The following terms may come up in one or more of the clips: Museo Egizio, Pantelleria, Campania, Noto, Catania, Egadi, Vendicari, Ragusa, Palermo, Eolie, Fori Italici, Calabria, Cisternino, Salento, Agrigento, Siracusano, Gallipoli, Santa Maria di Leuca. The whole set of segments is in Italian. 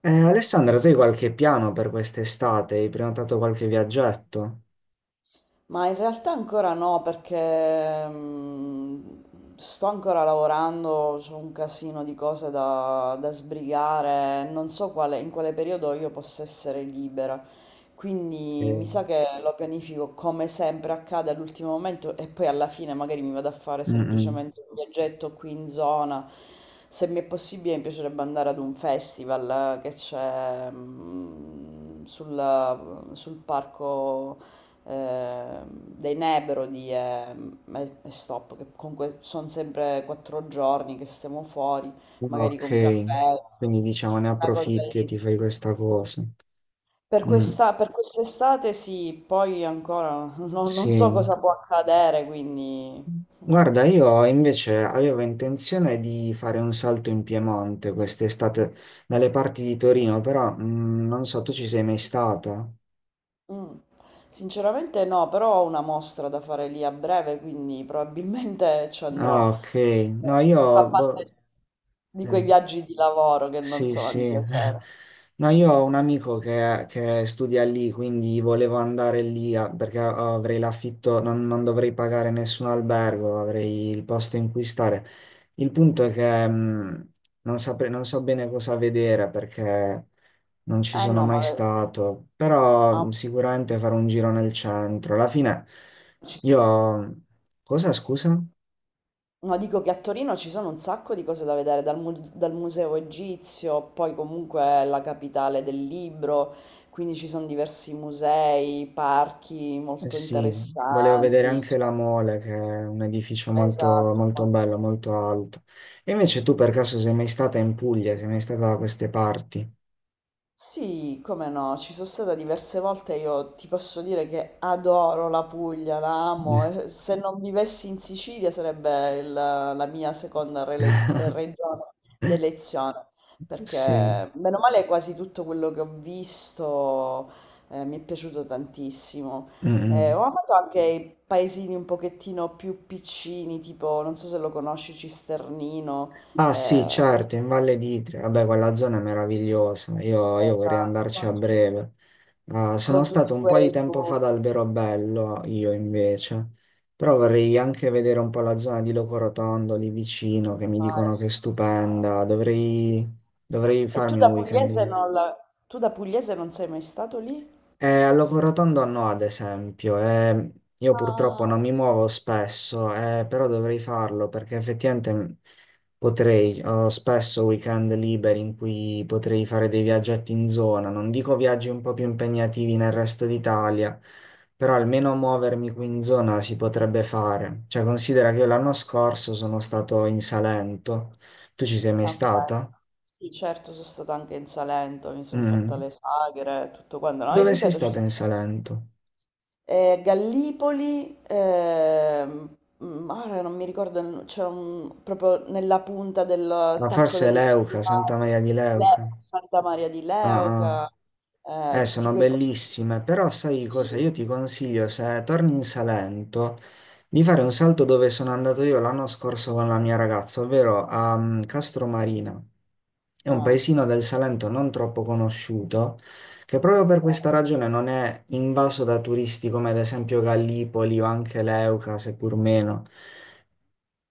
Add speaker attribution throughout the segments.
Speaker 1: Alessandra, tu hai qualche piano per quest'estate? Hai prenotato qualche viaggetto?
Speaker 2: Ma in realtà ancora no, perché sto ancora lavorando, c'ho un casino di cose da sbrigare, non so in quale periodo io possa essere libera. Quindi mi
Speaker 1: Ok.
Speaker 2: sa che lo pianifico come sempre accade all'ultimo momento e poi alla fine magari mi vado a fare
Speaker 1: Mm, mm.
Speaker 2: semplicemente un viaggetto qui in zona. Se mi è possibile, mi piacerebbe andare ad un festival che c'è sul parco dei Nebro di e stop, che comunque sono sempre 4 giorni che stiamo fuori, magari
Speaker 1: Ok,
Speaker 2: con campeggio,
Speaker 1: quindi diciamo ne
Speaker 2: una cosa
Speaker 1: approfitti e ti
Speaker 2: easy.
Speaker 1: fai questa cosa.
Speaker 2: Per
Speaker 1: Mm,
Speaker 2: questa, per quest'estate sì, poi ancora non so
Speaker 1: sì.
Speaker 2: cosa può accadere, quindi.
Speaker 1: Guarda, io invece avevo intenzione di fare un salto in Piemonte quest'estate dalle parti di Torino, però non so, tu ci sei mai stata?
Speaker 2: Mm. Sinceramente no, però ho una mostra da fare lì a breve, quindi probabilmente ci
Speaker 1: Ah,
Speaker 2: andrò.
Speaker 1: ok. No,
Speaker 2: Fa
Speaker 1: io
Speaker 2: parte
Speaker 1: boh.
Speaker 2: di quei
Speaker 1: eh,
Speaker 2: viaggi di lavoro che non
Speaker 1: Sì,
Speaker 2: sono
Speaker 1: sì.
Speaker 2: di piacere.
Speaker 1: No, io ho un amico che studia lì, quindi volevo andare lì perché avrei l'affitto, non dovrei pagare nessun albergo, avrei il posto in cui stare. Il punto è che non saprei, non so bene cosa vedere perché non ci
Speaker 2: Eh
Speaker 1: sono
Speaker 2: no.
Speaker 1: mai stato, però
Speaker 2: Ah,
Speaker 1: sicuramente farò un giro nel centro. Alla fine,
Speaker 2: ci sono un s-
Speaker 1: io... Cosa, scusa?
Speaker 2: No, dico che a Torino ci sono un sacco di cose da vedere, dal Museo Egizio, poi comunque è la capitale del libro, quindi ci sono diversi musei, parchi
Speaker 1: Eh
Speaker 2: molto
Speaker 1: sì, volevo vedere
Speaker 2: interessanti.
Speaker 1: anche
Speaker 2: Cioè,
Speaker 1: la Mole, che è un edificio molto,
Speaker 2: esatto.
Speaker 1: molto bello, molto alto. E invece tu per caso sei mai stata in Puglia, sei mai stata da queste parti?
Speaker 2: Sì, come no, ci sono stata diverse volte, io ti posso dire che adoro la Puglia, la amo, e se non vivessi in Sicilia sarebbe la mia seconda regione d'elezione, perché
Speaker 1: Sì.
Speaker 2: meno male quasi tutto quello che ho visto mi è piaciuto tantissimo. Ho
Speaker 1: Mm-mm.
Speaker 2: amato anche i paesini un pochettino più piccini, tipo, non so se lo conosci, Cisternino.
Speaker 1: Ah sì,
Speaker 2: eh,
Speaker 1: certo, in Valle d'Itria, vabbè, quella zona è meravigliosa, io vorrei andarci a
Speaker 2: Esatto.
Speaker 1: breve. Ah, sono
Speaker 2: Con
Speaker 1: stato
Speaker 2: tutti
Speaker 1: un po' di
Speaker 2: quei
Speaker 1: tempo fa ad
Speaker 2: punti.
Speaker 1: Alberobello, io invece, però vorrei anche vedere un po' la zona di Locorotondo lì vicino, che mi
Speaker 2: Ah, eh
Speaker 1: dicono che è
Speaker 2: sì, sì, no.
Speaker 1: stupenda.
Speaker 2: Sì,
Speaker 1: Dovrei,
Speaker 2: sì.
Speaker 1: dovrei
Speaker 2: E tu
Speaker 1: farmi un
Speaker 2: da
Speaker 1: weekend
Speaker 2: pugliese
Speaker 1: lì.
Speaker 2: non la... Tu da pugliese non sei mai stato lì?
Speaker 1: Al Loco Rotondo no, ad esempio, io purtroppo
Speaker 2: Ah,
Speaker 1: non mi muovo spesso, però dovrei farlo perché effettivamente potrei, ho spesso weekend liberi in cui potrei fare dei viaggetti in zona, non dico viaggi un po' più impegnativi nel resto d'Italia, però almeno muovermi qui in zona si potrebbe fare. Cioè, considera che io l'anno scorso sono stato in Salento, tu ci sei mai
Speaker 2: ok.
Speaker 1: stata?
Speaker 2: Sì, certo, sono stata anche in Salento, mi sono fatta
Speaker 1: Mm.
Speaker 2: le sagre, tutto quanto. No, e
Speaker 1: Dove sei
Speaker 2: ripeto, ci
Speaker 1: stata
Speaker 2: sono
Speaker 1: in
Speaker 2: stata.
Speaker 1: Salento?
Speaker 2: Gallipoli, ehm, ah, ora non mi ricordo, il no- c'è un, proprio nella punta del
Speaker 1: Ma
Speaker 2: tacco
Speaker 1: forse è
Speaker 2: dello
Speaker 1: Leuca, Santa
Speaker 2: Stivale.
Speaker 1: Maria di Leuca.
Speaker 2: Santa Maria di
Speaker 1: Ah, ah.
Speaker 2: Leuca, tutti
Speaker 1: Sono
Speaker 2: quei posti.
Speaker 1: bellissime, però sai cosa?
Speaker 2: Sì,
Speaker 1: Io ti consiglio, se torni in Salento, di fare un salto dove sono andato io l'anno scorso con la mia ragazza, ovvero a Castromarina. È un
Speaker 2: ah,
Speaker 1: paesino del Salento non troppo conosciuto, che proprio per
Speaker 2: ok.
Speaker 1: questa ragione non è invaso da turisti come ad esempio Gallipoli o anche Leuca, seppur meno.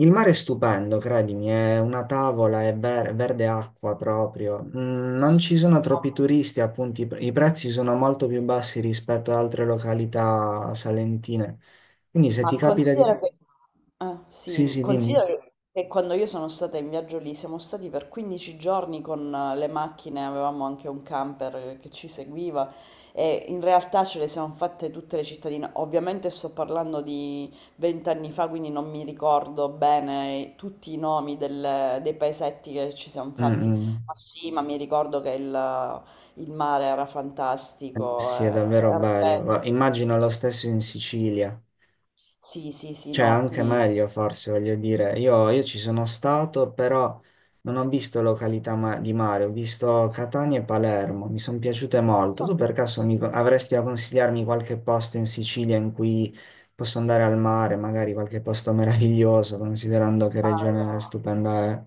Speaker 1: Il mare è stupendo, credimi, è una tavola, è verde acqua proprio. Non
Speaker 2: Sì,
Speaker 1: ci sono troppi
Speaker 2: no.
Speaker 1: turisti, appunto, i prezzi sono molto più bassi rispetto ad altre località salentine. Quindi se ti
Speaker 2: Ma
Speaker 1: capita di...
Speaker 2: considera che, ah,
Speaker 1: Sì,
Speaker 2: sì,
Speaker 1: sì, dimmi.
Speaker 2: considera che quando io sono stata in viaggio lì, siamo stati per 15 giorni con le macchine, avevamo anche un camper che ci seguiva e in realtà ce le siamo fatte tutte le cittadine. Ovviamente sto parlando di 20 anni fa, quindi non mi ricordo bene tutti i nomi dei paesetti che ci siamo
Speaker 1: Mm,
Speaker 2: fatti,
Speaker 1: mm.
Speaker 2: ma sì, ma mi ricordo che il mare era fantastico.
Speaker 1: Sì,
Speaker 2: eh,
Speaker 1: è davvero bello.
Speaker 2: ripeto,
Speaker 1: Immagino lo stesso in Sicilia.
Speaker 2: sì, sì, sì,
Speaker 1: Cioè,
Speaker 2: no,
Speaker 1: anche
Speaker 2: qui.
Speaker 1: meglio forse, voglio dire. Io ci sono stato, però non ho visto località di mare, ho visto Catania e Palermo, mi sono piaciute molto.
Speaker 2: Adesso
Speaker 1: Tu
Speaker 2: no.
Speaker 1: per caso avresti a consigliarmi qualche posto in Sicilia in cui posso andare al mare, magari qualche posto meraviglioso, considerando che regione
Speaker 2: Allora,
Speaker 1: stupenda è.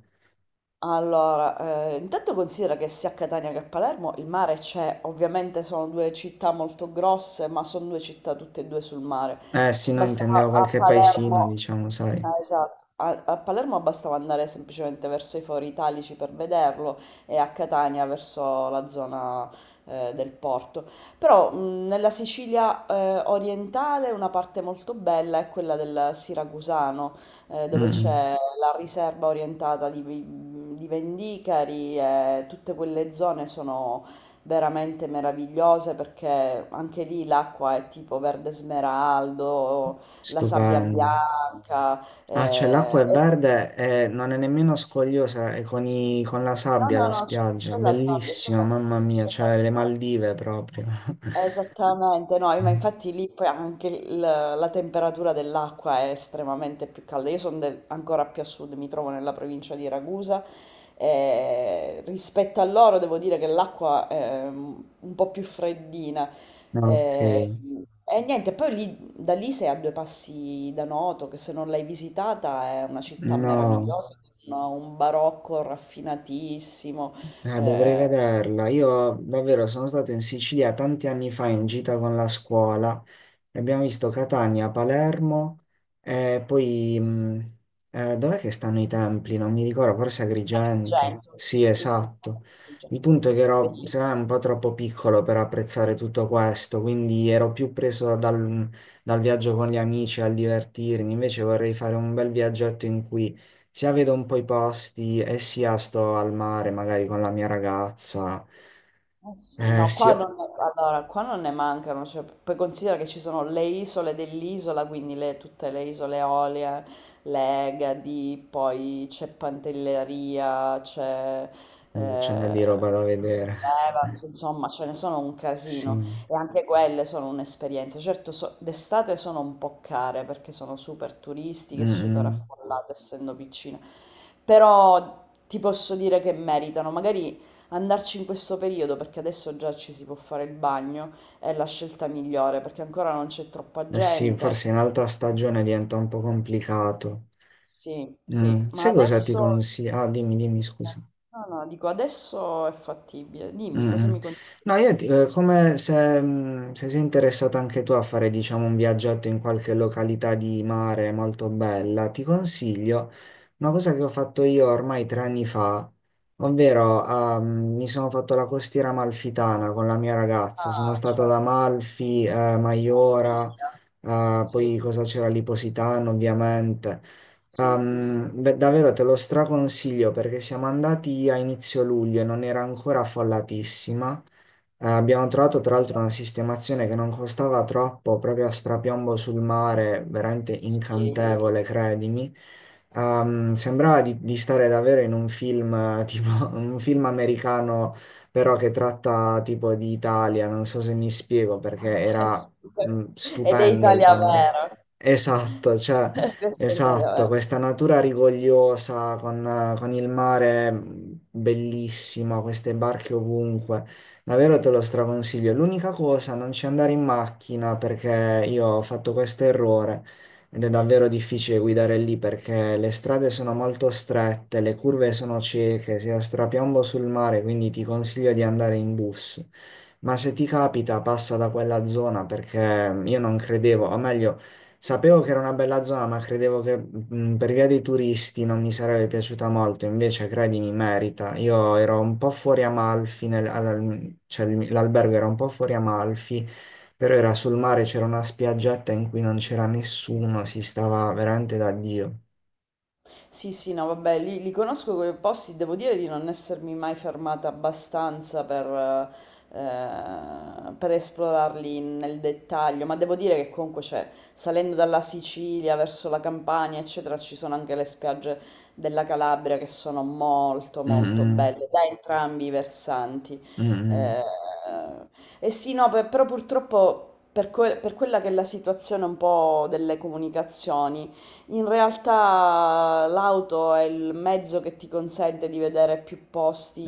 Speaker 2: intanto considera che sia a Catania che a Palermo il mare c'è, ovviamente sono due città molto grosse, ma sono due città tutte e due sul mare.
Speaker 1: Eh sì, no,
Speaker 2: Bastava
Speaker 1: intendevo
Speaker 2: a
Speaker 1: qualche paesino,
Speaker 2: Palermo,
Speaker 1: diciamo, sai.
Speaker 2: ah, esatto, a Palermo bastava andare semplicemente verso i Fori Italici per vederlo e a Catania verso la zona del porto. Però nella Sicilia orientale una parte molto bella è quella del Siracusano dove
Speaker 1: Mm,
Speaker 2: c'è la riserva orientata di Vendicari e tutte quelle zone sono veramente meravigliose perché anche lì l'acqua è tipo verde smeraldo, la sabbia
Speaker 1: stupendo.
Speaker 2: bianca.
Speaker 1: Ah, cioè
Speaker 2: eh,
Speaker 1: l'acqua è
Speaker 2: e-
Speaker 1: verde e non è nemmeno scogliosa, è con la
Speaker 2: No,
Speaker 1: sabbia
Speaker 2: no,
Speaker 1: la
Speaker 2: no, c'è
Speaker 1: spiaggia,
Speaker 2: c'è la sabbia, c'è
Speaker 1: bellissimo,
Speaker 2: la,
Speaker 1: mamma mia,
Speaker 2: c'è la
Speaker 1: cioè le
Speaker 2: sabbia.
Speaker 1: Maldive proprio.
Speaker 2: Esattamente, no, ma infatti lì poi anche la temperatura dell'acqua è estremamente più calda. Io sono ancora più a sud, mi trovo nella provincia di Ragusa. E rispetto a loro devo dire che l'acqua è un po' più freddina.
Speaker 1: Ok,
Speaker 2: Eh, E, niente, poi lì, da lì sei a due passi da Noto, che se non l'hai visitata è una città
Speaker 1: no,
Speaker 2: meravigliosa, con un barocco raffinatissimo.
Speaker 1: dovrei
Speaker 2: eh,
Speaker 1: vederla. Io davvero sono stato in Sicilia tanti anni fa in gita con la scuola. Abbiamo visto Catania, Palermo, e poi dov'è che stanno i templi? Non mi ricordo, forse
Speaker 2: A
Speaker 1: Agrigento.
Speaker 2: Agrigento,
Speaker 1: Sì,
Speaker 2: sì, sì,
Speaker 1: esatto.
Speaker 2: Agrigento.
Speaker 1: Il punto è che ero, secondo me,
Speaker 2: Bellissi
Speaker 1: un po' troppo piccolo per apprezzare tutto questo, quindi ero più preso dal, viaggio con gli amici, al divertirmi. Invece vorrei fare un bel viaggetto in cui sia vedo un po' i posti e sia sto al mare, magari con la mia ragazza.
Speaker 2: Eh sì, no,
Speaker 1: Sì,
Speaker 2: qua non
Speaker 1: oh,
Speaker 2: ne, allora, qua non ne mancano, cioè, poi considera che ci sono le isole dell'isola, quindi tutte le isole Eolie, le Egadi, poi c'è Pantelleria, c'è
Speaker 1: c'è una
Speaker 2: eh,
Speaker 1: di roba da vedere.
Speaker 2: l'Evans, insomma, ce ne sono un casino
Speaker 1: Sì.
Speaker 2: e anche quelle sono un'esperienza. Certo, d'estate sono un po' care perché sono super
Speaker 1: Mm,
Speaker 2: turistiche, super
Speaker 1: mm.
Speaker 2: affollate, essendo piccine, però ti posso dire che meritano, magari andarci in questo periodo, perché adesso già ci si può fare il bagno, è la scelta migliore, perché ancora non c'è troppa
Speaker 1: Eh sì,
Speaker 2: gente.
Speaker 1: forse in alta stagione diventa un po' complicato.
Speaker 2: Sì, sì, ma
Speaker 1: Sai cosa ti
Speaker 2: adesso.
Speaker 1: consiglio? Ah, dimmi, dimmi, scusa.
Speaker 2: No, no, dico adesso è fattibile. Dimmi, cosa
Speaker 1: Mm.
Speaker 2: mi consigli?
Speaker 1: No, come se, se sei interessata anche tu a fare, diciamo, un viaggetto in qualche località di mare molto bella, ti consiglio una cosa che ho fatto io ormai 3 anni fa, ovvero mi sono fatto la costiera amalfitana con la mia ragazza. Sono
Speaker 2: Ah,
Speaker 1: stato ad
Speaker 2: certo,
Speaker 1: Amalfi, Maiora,
Speaker 2: famiglia. Sì,
Speaker 1: poi cosa c'era lì? Positano, ovviamente.
Speaker 2: sì, sì, sì,
Speaker 1: Davvero te lo straconsiglio perché siamo andati a inizio luglio e non era ancora affollatissima. Abbiamo trovato tra l'altro una sistemazione che non costava troppo, proprio a strapiombo sul mare, veramente
Speaker 2: sì.
Speaker 1: incantevole, credimi. Sembrava di stare davvero in un film, tipo un film americano, però che tratta tipo di Italia, non so se mi spiego, perché
Speaker 2: Eh,
Speaker 1: era
Speaker 2: sì, per- Ed è
Speaker 1: stupendo il
Speaker 2: Italia
Speaker 1: panorama.
Speaker 2: vera.
Speaker 1: Esatto, cioè,
Speaker 2: Questa è Italia
Speaker 1: esatto,
Speaker 2: vera.
Speaker 1: questa natura rigogliosa con il mare bellissimo, queste barche ovunque. Davvero te lo straconsiglio. L'unica cosa, non ci andare in macchina perché io ho fatto questo errore ed è davvero difficile guidare lì perché le strade sono molto strette, le curve sono cieche, si ha strapiombo sul mare, quindi ti consiglio di andare in bus. Ma se ti capita, passa da quella zona perché io non credevo, o meglio, sapevo che era una bella zona, ma credevo che per via dei turisti non mi sarebbe piaciuta molto, invece credimi, merita. Io ero un po' fuori Amalfi, cioè l'albergo era un po' fuori Amalfi però era sul mare, c'era una spiaggetta in cui non c'era nessuno, si stava veramente da Dio.
Speaker 2: Sì, sì, no, vabbè, li conosco quei posti, devo dire di non essermi mai fermata abbastanza per esplorarli nel dettaglio, ma devo dire che comunque c'è, salendo dalla Sicilia verso la Campania, eccetera, ci sono anche le spiagge della Calabria che sono molto, molto
Speaker 1: Mm,
Speaker 2: belle da entrambi i versanti.
Speaker 1: mm, mm,
Speaker 2: Eh, e sì, no, però purtroppo per quella che è la situazione un po' delle comunicazioni, in realtà l'auto è il mezzo che ti consente di vedere più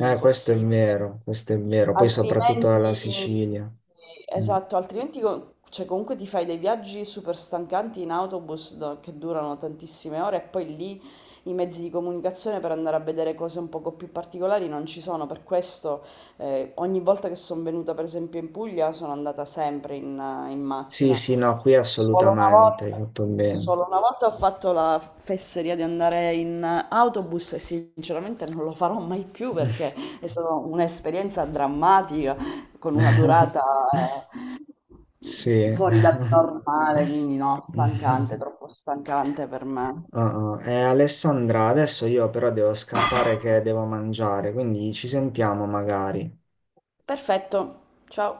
Speaker 1: mm. Questo è
Speaker 2: possibili.
Speaker 1: vero, questo è vero. Poi soprattutto
Speaker 2: Altrimenti,
Speaker 1: alla Sicilia.
Speaker 2: sì,
Speaker 1: Mm.
Speaker 2: esatto, altrimenti cioè, comunque ti fai dei viaggi super stancanti in autobus che durano tantissime ore e poi lì i mezzi di comunicazione per andare a vedere cose un poco più particolari non ci sono. Per questo ogni volta che sono venuta per esempio in Puglia sono andata sempre in
Speaker 1: Sì,
Speaker 2: macchina.
Speaker 1: sì, no, qui
Speaker 2: Solo una
Speaker 1: assolutamente, hai
Speaker 2: volta,
Speaker 1: fatto bene.
Speaker 2: solo una volta, ho fatto la fesseria di andare in autobus e sinceramente non lo farò mai più perché. È stata un'esperienza drammatica con una durata
Speaker 1: Sì.
Speaker 2: fuori dal normale, quindi no, stancante, troppo stancante per me.
Speaker 1: Alessandra, adesso io però devo scappare che devo mangiare, quindi ci sentiamo magari.
Speaker 2: Perfetto, ciao.